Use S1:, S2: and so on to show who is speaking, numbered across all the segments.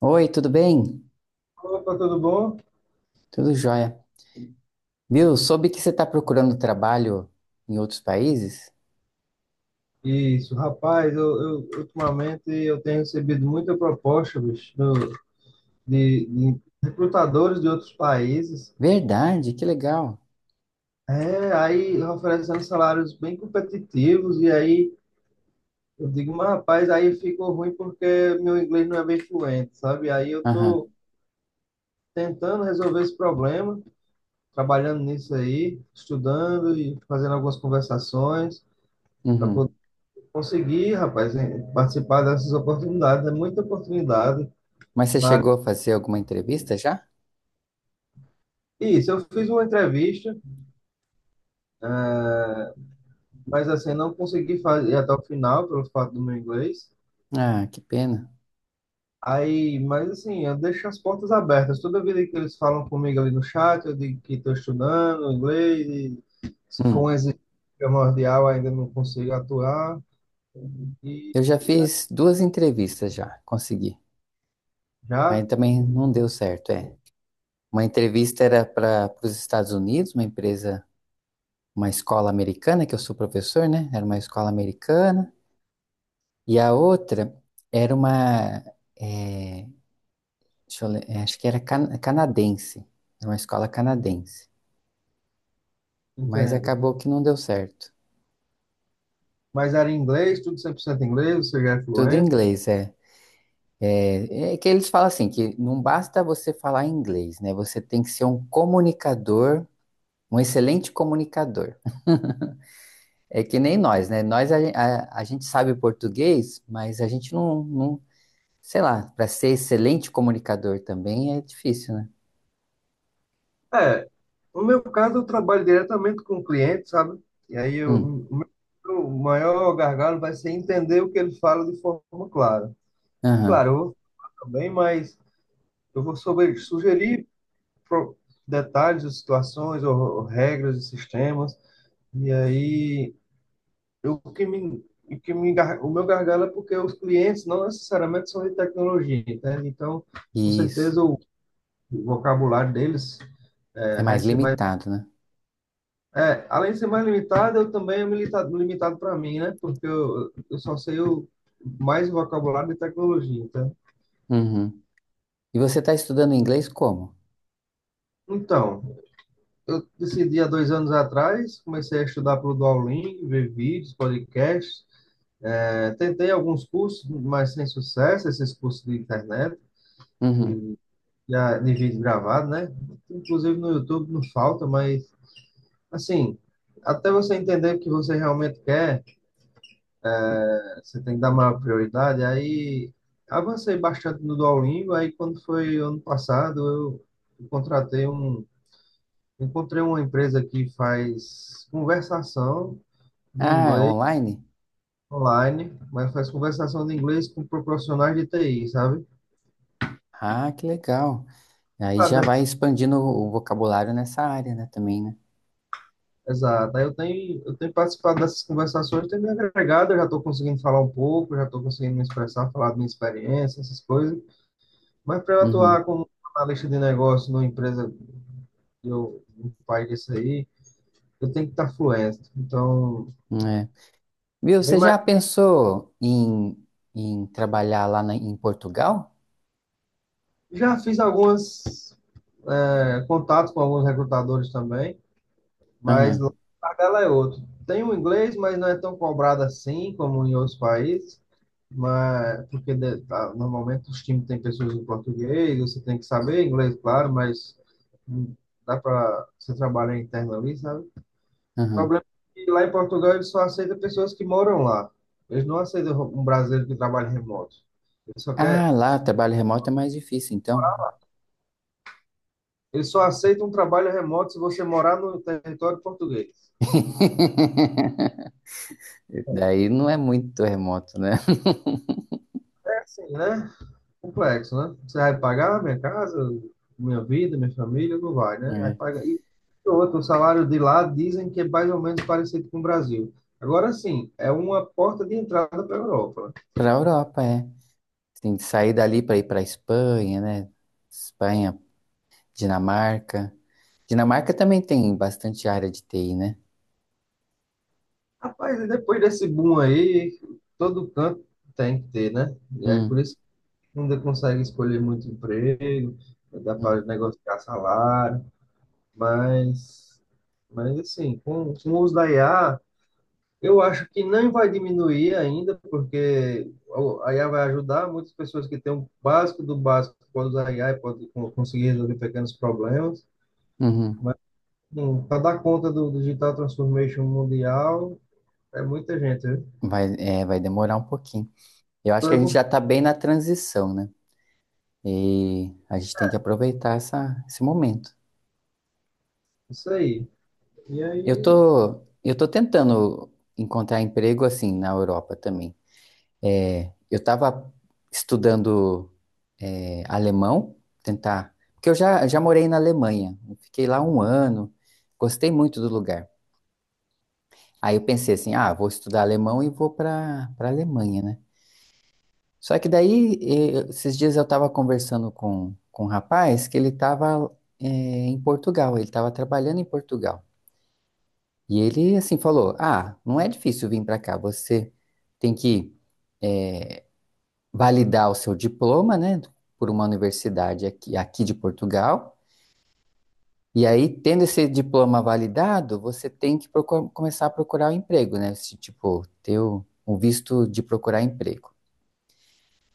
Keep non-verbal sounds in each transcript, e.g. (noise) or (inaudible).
S1: Oi, tudo bem?
S2: Opa, tudo bom?
S1: Tudo jóia. Viu? Soube que você está procurando trabalho em outros países?
S2: Isso, rapaz, ultimamente eu tenho recebido muita proposta, bicho, de recrutadores de outros países.
S1: Verdade, que legal.
S2: É, aí oferecendo salários bem competitivos, e aí eu digo, mas rapaz, aí ficou ruim porque meu inglês não é bem fluente, sabe? Aí eu
S1: Aham,
S2: tô tentando resolver esse problema, trabalhando nisso aí, estudando e fazendo algumas conversações para poder
S1: uhum.
S2: conseguir, rapaz, participar dessas oportunidades. É muita oportunidade.
S1: Mas você chegou a fazer alguma entrevista já?
S2: Isso, eu fiz uma entrevista, mas assim, não consegui fazer até o final, pelo fato do meu inglês.
S1: Ah, que pena.
S2: Aí, mas assim, eu deixo as portas abertas. Toda vida que eles falam comigo ali no chat, eu digo que estou estudando inglês, e se for um
S1: Hum.
S2: exercício primordial, ainda não consigo atuar, e
S1: Eu já fiz duas entrevistas já, consegui. Mas
S2: já
S1: também não deu certo, é. Uma entrevista era para os Estados Unidos, uma empresa, uma escola americana, que eu sou professor, né? Era uma escola americana. E a outra era uma, eh, deixa eu ler, é, acho que era canadense, é uma escola canadense, mas
S2: entendo.
S1: acabou que não deu certo.
S2: Mas era em inglês, tudo 100% inglês, você já é
S1: Tudo em
S2: fluente?
S1: inglês, é. É, é que eles falam assim, que não basta você falar inglês, né? Você tem que ser um comunicador, um excelente comunicador. É que nem nós, né? Nós, a gente sabe português, mas a gente sei lá, para ser excelente comunicador também é difícil, né?
S2: É, no meu caso, eu trabalho diretamente com o cliente, sabe? E aí eu,
S1: Hum,
S2: o meu o maior gargalo vai ser entender o que ele fala de forma clara.
S1: aham,
S2: Claro, eu vou também, mas eu vou sobre, sugerir pro- detalhes, ou situações, ou regras de sistemas. E aí, eu, o que me, gar- o meu gargalo é porque os clientes não necessariamente são de tecnologia, entende? Então, com
S1: isso.
S2: certeza, o vocabulário deles
S1: É
S2: vai
S1: mais
S2: ser mais.
S1: limitado, né?
S2: É, além de ser mais limitado, eu também é limitado, limitado para mim, né? Porque eu só sei o, mais o vocabulário de tecnologia, tá?
S1: Uhum. E você está estudando inglês como?
S2: Então, eu decidi há 2 anos atrás, comecei a estudar pelo Duolingo, ver vídeos, podcasts, é, tentei alguns cursos, mas sem sucesso, esses cursos de internet,
S1: Uhum.
S2: já de vídeo gravado, né? Inclusive no YouTube não falta, mas, assim, até você entender o que você realmente quer, você tem que dar maior prioridade. Aí avancei bastante no Duolingo. Aí quando foi ano passado, eu contratei um, encontrei uma empresa que faz conversação de
S1: Ah, é
S2: inglês
S1: online?
S2: online, mas faz conversação de inglês com profissionais de TI, sabe?
S1: Ah, que legal. Aí
S2: Ah,
S1: já vai expandindo o vocabulário nessa área, né, também, né?
S2: Exato. Aí eu tenho participado dessas conversações, tenho me agregado, eu já estou conseguindo falar um pouco, já estou conseguindo me expressar, falar da minha experiência, essas coisas. Mas para eu atuar
S1: Uhum.
S2: como analista de negócio numa empresa eu um pai disso aí, eu tenho que estar fluente. Então,
S1: É. Viu,
S2: bem
S1: você
S2: mais-
S1: já pensou em, em trabalhar em Portugal?
S2: já fiz alguns contatos com alguns recrutadores também, mas
S1: Aham,
S2: lá a tabela é outro. Tem o inglês, mas não é tão cobrado assim como em outros países, mas porque tá, normalmente os times têm pessoas em português, você tem que saber inglês, claro, mas hum, dá para você trabalhar interno ali, sabe? O
S1: aham.
S2: problema é que lá em Portugal eles só aceitam pessoas que moram lá. Eles não aceitam um brasileiro que trabalha remoto. Eles só, quer,
S1: Ah, lá, o trabalho remoto é mais difícil, então.
S2: eles só aceitam um trabalho remoto se você morar no território português.
S1: (laughs) Daí não é muito remoto, né?
S2: É assim, né? Complexo, né? Você vai pagar minha casa, minha vida, minha família, não vai, né? Vai
S1: É.
S2: pagar. E outro, o salário de lá dizem que é mais ou menos parecido com o Brasil. Agora sim, é uma porta de entrada para a Europa, né?
S1: Para a Europa, é. Você tem que sair dali para ir para Espanha, né? Espanha, Dinamarca. Dinamarca também tem bastante área de TI, né?
S2: Rapaz, e depois desse boom aí, todo canto tem que ter, né? E aí por
S1: Hum,
S2: isso ainda consegue escolher muito emprego, dá
S1: hum,
S2: para negociar salário, mas, mas assim, com o uso da IA, eu acho que não vai diminuir ainda, porque a IA vai ajudar muitas pessoas que têm o básico do básico, pode usar a IA e pode conseguir resolver pequenos problemas,
S1: uhum.
S2: mas para dar conta do Digital Transformation Mundial, é muita gente, né?
S1: Vai, é, vai demorar um pouquinho. Eu acho que a gente já está bem na transição, né? E a gente tem que aproveitar essa, esse momento.
S2: Isso aí. E
S1: Eu
S2: aí,
S1: tô, eu tô tentando encontrar emprego assim na Europa também. É, eu estava estudando alemão, tentar, porque eu já morei na Alemanha, fiquei lá um ano, gostei muito do lugar. Aí eu pensei assim, ah, vou estudar alemão e vou para Alemanha, né? Só que daí, esses dias eu estava conversando com um rapaz que ele estava em Portugal, ele estava trabalhando em Portugal. E ele, assim, falou, ah, não é difícil vir para cá, você tem que validar o seu diploma, né, por uma universidade aqui de Portugal. E aí, tendo esse diploma validado, você tem que começar a procurar um emprego, né? Esse, tipo, ter o visto de procurar emprego.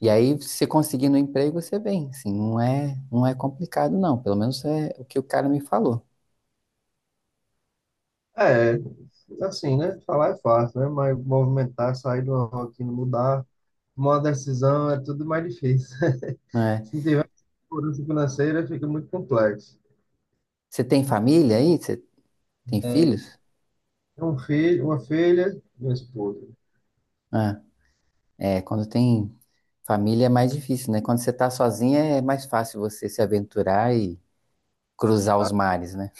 S1: E aí, se você conseguir no emprego, você vem, assim, não é complicado, não. Pelo menos é o que o cara me falou,
S2: é, assim, né? Falar é fácil, né? Mas movimentar, sair de uma rotina, mudar, tomar uma decisão é tudo mais difícil. (laughs)
S1: né?
S2: Se não tiver segurança financeira, fica muito complexo.
S1: Você tem família aí? Você tem filhos?
S2: Um filho, uma filha e uma esposa.
S1: Ah, é, é, quando tem família é mais difícil, né? Quando você tá sozinha é mais fácil você se aventurar e cruzar os mares, né?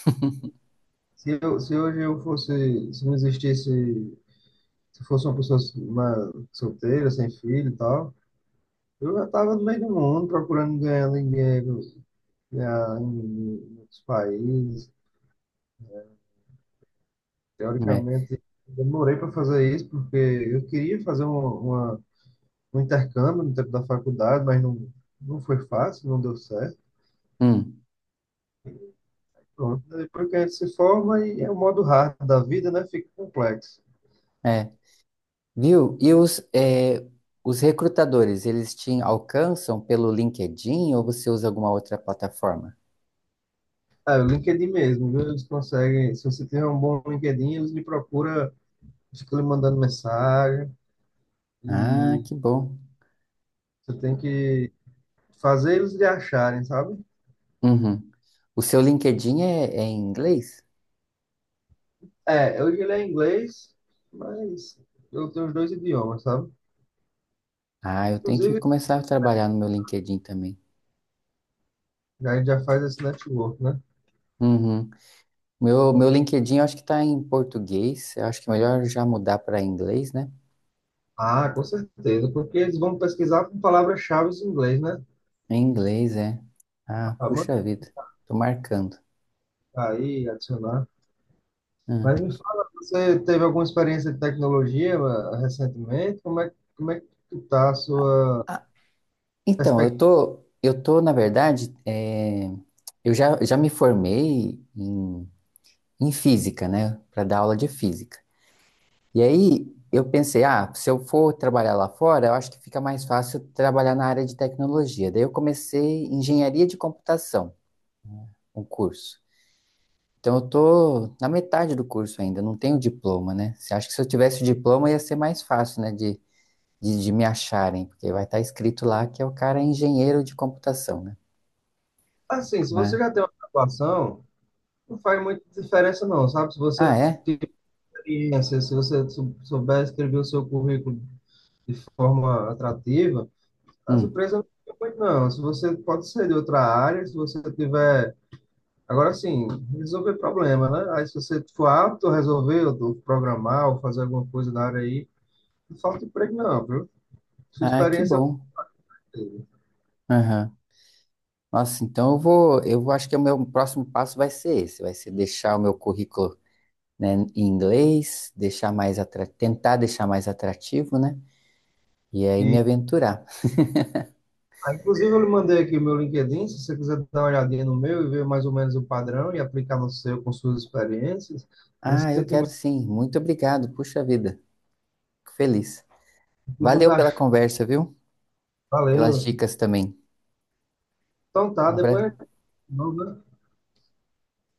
S2: Se hoje eu fosse, se não existisse, se fosse uma pessoa uma solteira, sem filho e tal, eu já estava no meio do mundo procurando ganhar dinheiro, ganhar em outros países,
S1: É.
S2: teoricamente, demorei para fazer isso porque eu queria fazer uma, uma- um intercâmbio no tempo da faculdade, mas não, não foi fácil, não deu certo.
S1: Hum,
S2: Pronto. Depois que a gente se forma e é o modo hard da vida, né? Fica complexo.
S1: é. Viu? E os, é, os recrutadores, eles te alcançam pelo LinkedIn ou você usa alguma outra plataforma?
S2: Ah, o LinkedIn mesmo, viu? Eles conseguem. Se você tiver um bom LinkedIn, eles lhe procuram, ficam lhe mandando mensagem
S1: Ah,
S2: e
S1: que bom.
S2: você tem que fazer eles lhe acharem, sabe?
S1: Uhum. O seu LinkedIn é, é em inglês?
S2: É, hoje ele é inglês, mas eu tenho os dois idiomas, sabe?
S1: Ah, eu tenho que
S2: Inclusive,
S1: começar a trabalhar no meu LinkedIn também.
S2: já, a gente já faz esse network, né?
S1: Uhum. Meu LinkedIn eu acho que está em português. Eu acho que é melhor já mudar para inglês, né?
S2: Ah, com certeza, porque eles vão pesquisar por palavras-chave em inglês, né?
S1: É, em inglês, é. Ah,
S2: Ah,
S1: puxa
S2: manda.
S1: vida. Tô marcando.
S2: Aí, adicionar. Mas
S1: Hum.
S2: me fala, você teve alguma experiência de tecnologia, recentemente? Como é que está a sua
S1: Ah, então,
S2: perspectiva?
S1: na verdade, eu já me formei em, em física, né? Para dar aula de física. E aí eu pensei, ah, se eu for trabalhar lá fora, eu acho que fica mais fácil trabalhar na área de tecnologia. Daí eu comecei engenharia de computação, um curso. Então eu tô na metade do curso ainda, não tenho diploma, né? Você acha que se eu tivesse o diploma ia ser mais fácil, né, de me acharem, porque vai estar escrito lá que é o cara é engenheiro de computação, né?
S2: Assim, se você
S1: Mas,
S2: já tem uma graduação, não faz muita diferença não, sabe? Se você
S1: ah, é?
S2: tiver experiência, se você souber escrever o seu currículo de forma atrativa, as
S1: Hum.
S2: empresas não ficam muito não. Se você pode ser de outra área, se você tiver. Agora sim, resolver problema, né? Aí se você for apto a resolver, ou programar, ou fazer alguma coisa na área aí, não falta emprego não, viu? Sua
S1: Ah, que
S2: experiência
S1: bom. Aham. Nossa, então acho que o meu próximo passo vai ser esse, vai ser deixar o meu currículo né, em inglês, deixar tentar deixar mais atrativo, né? E aí me
S2: e
S1: aventurar.
S2: ah, inclusive eu lhe mandei aqui o meu LinkedIn, se você quiser dar uma olhadinha no meu e ver mais ou menos o padrão e aplicar no seu com suas experiências,
S1: Ah, eu quero
S2: recentemente
S1: sim. Muito obrigado. Puxa vida. Fico feliz.
S2: fiz uns
S1: Valeu pela
S2: achos.
S1: conversa, viu? Pelas
S2: Valeu.
S1: dicas também.
S2: Então tá,
S1: Um
S2: depois a
S1: abra...
S2: gente continua, né?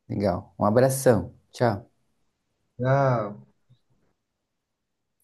S1: Legal. Um abração. Tchau.
S2: Já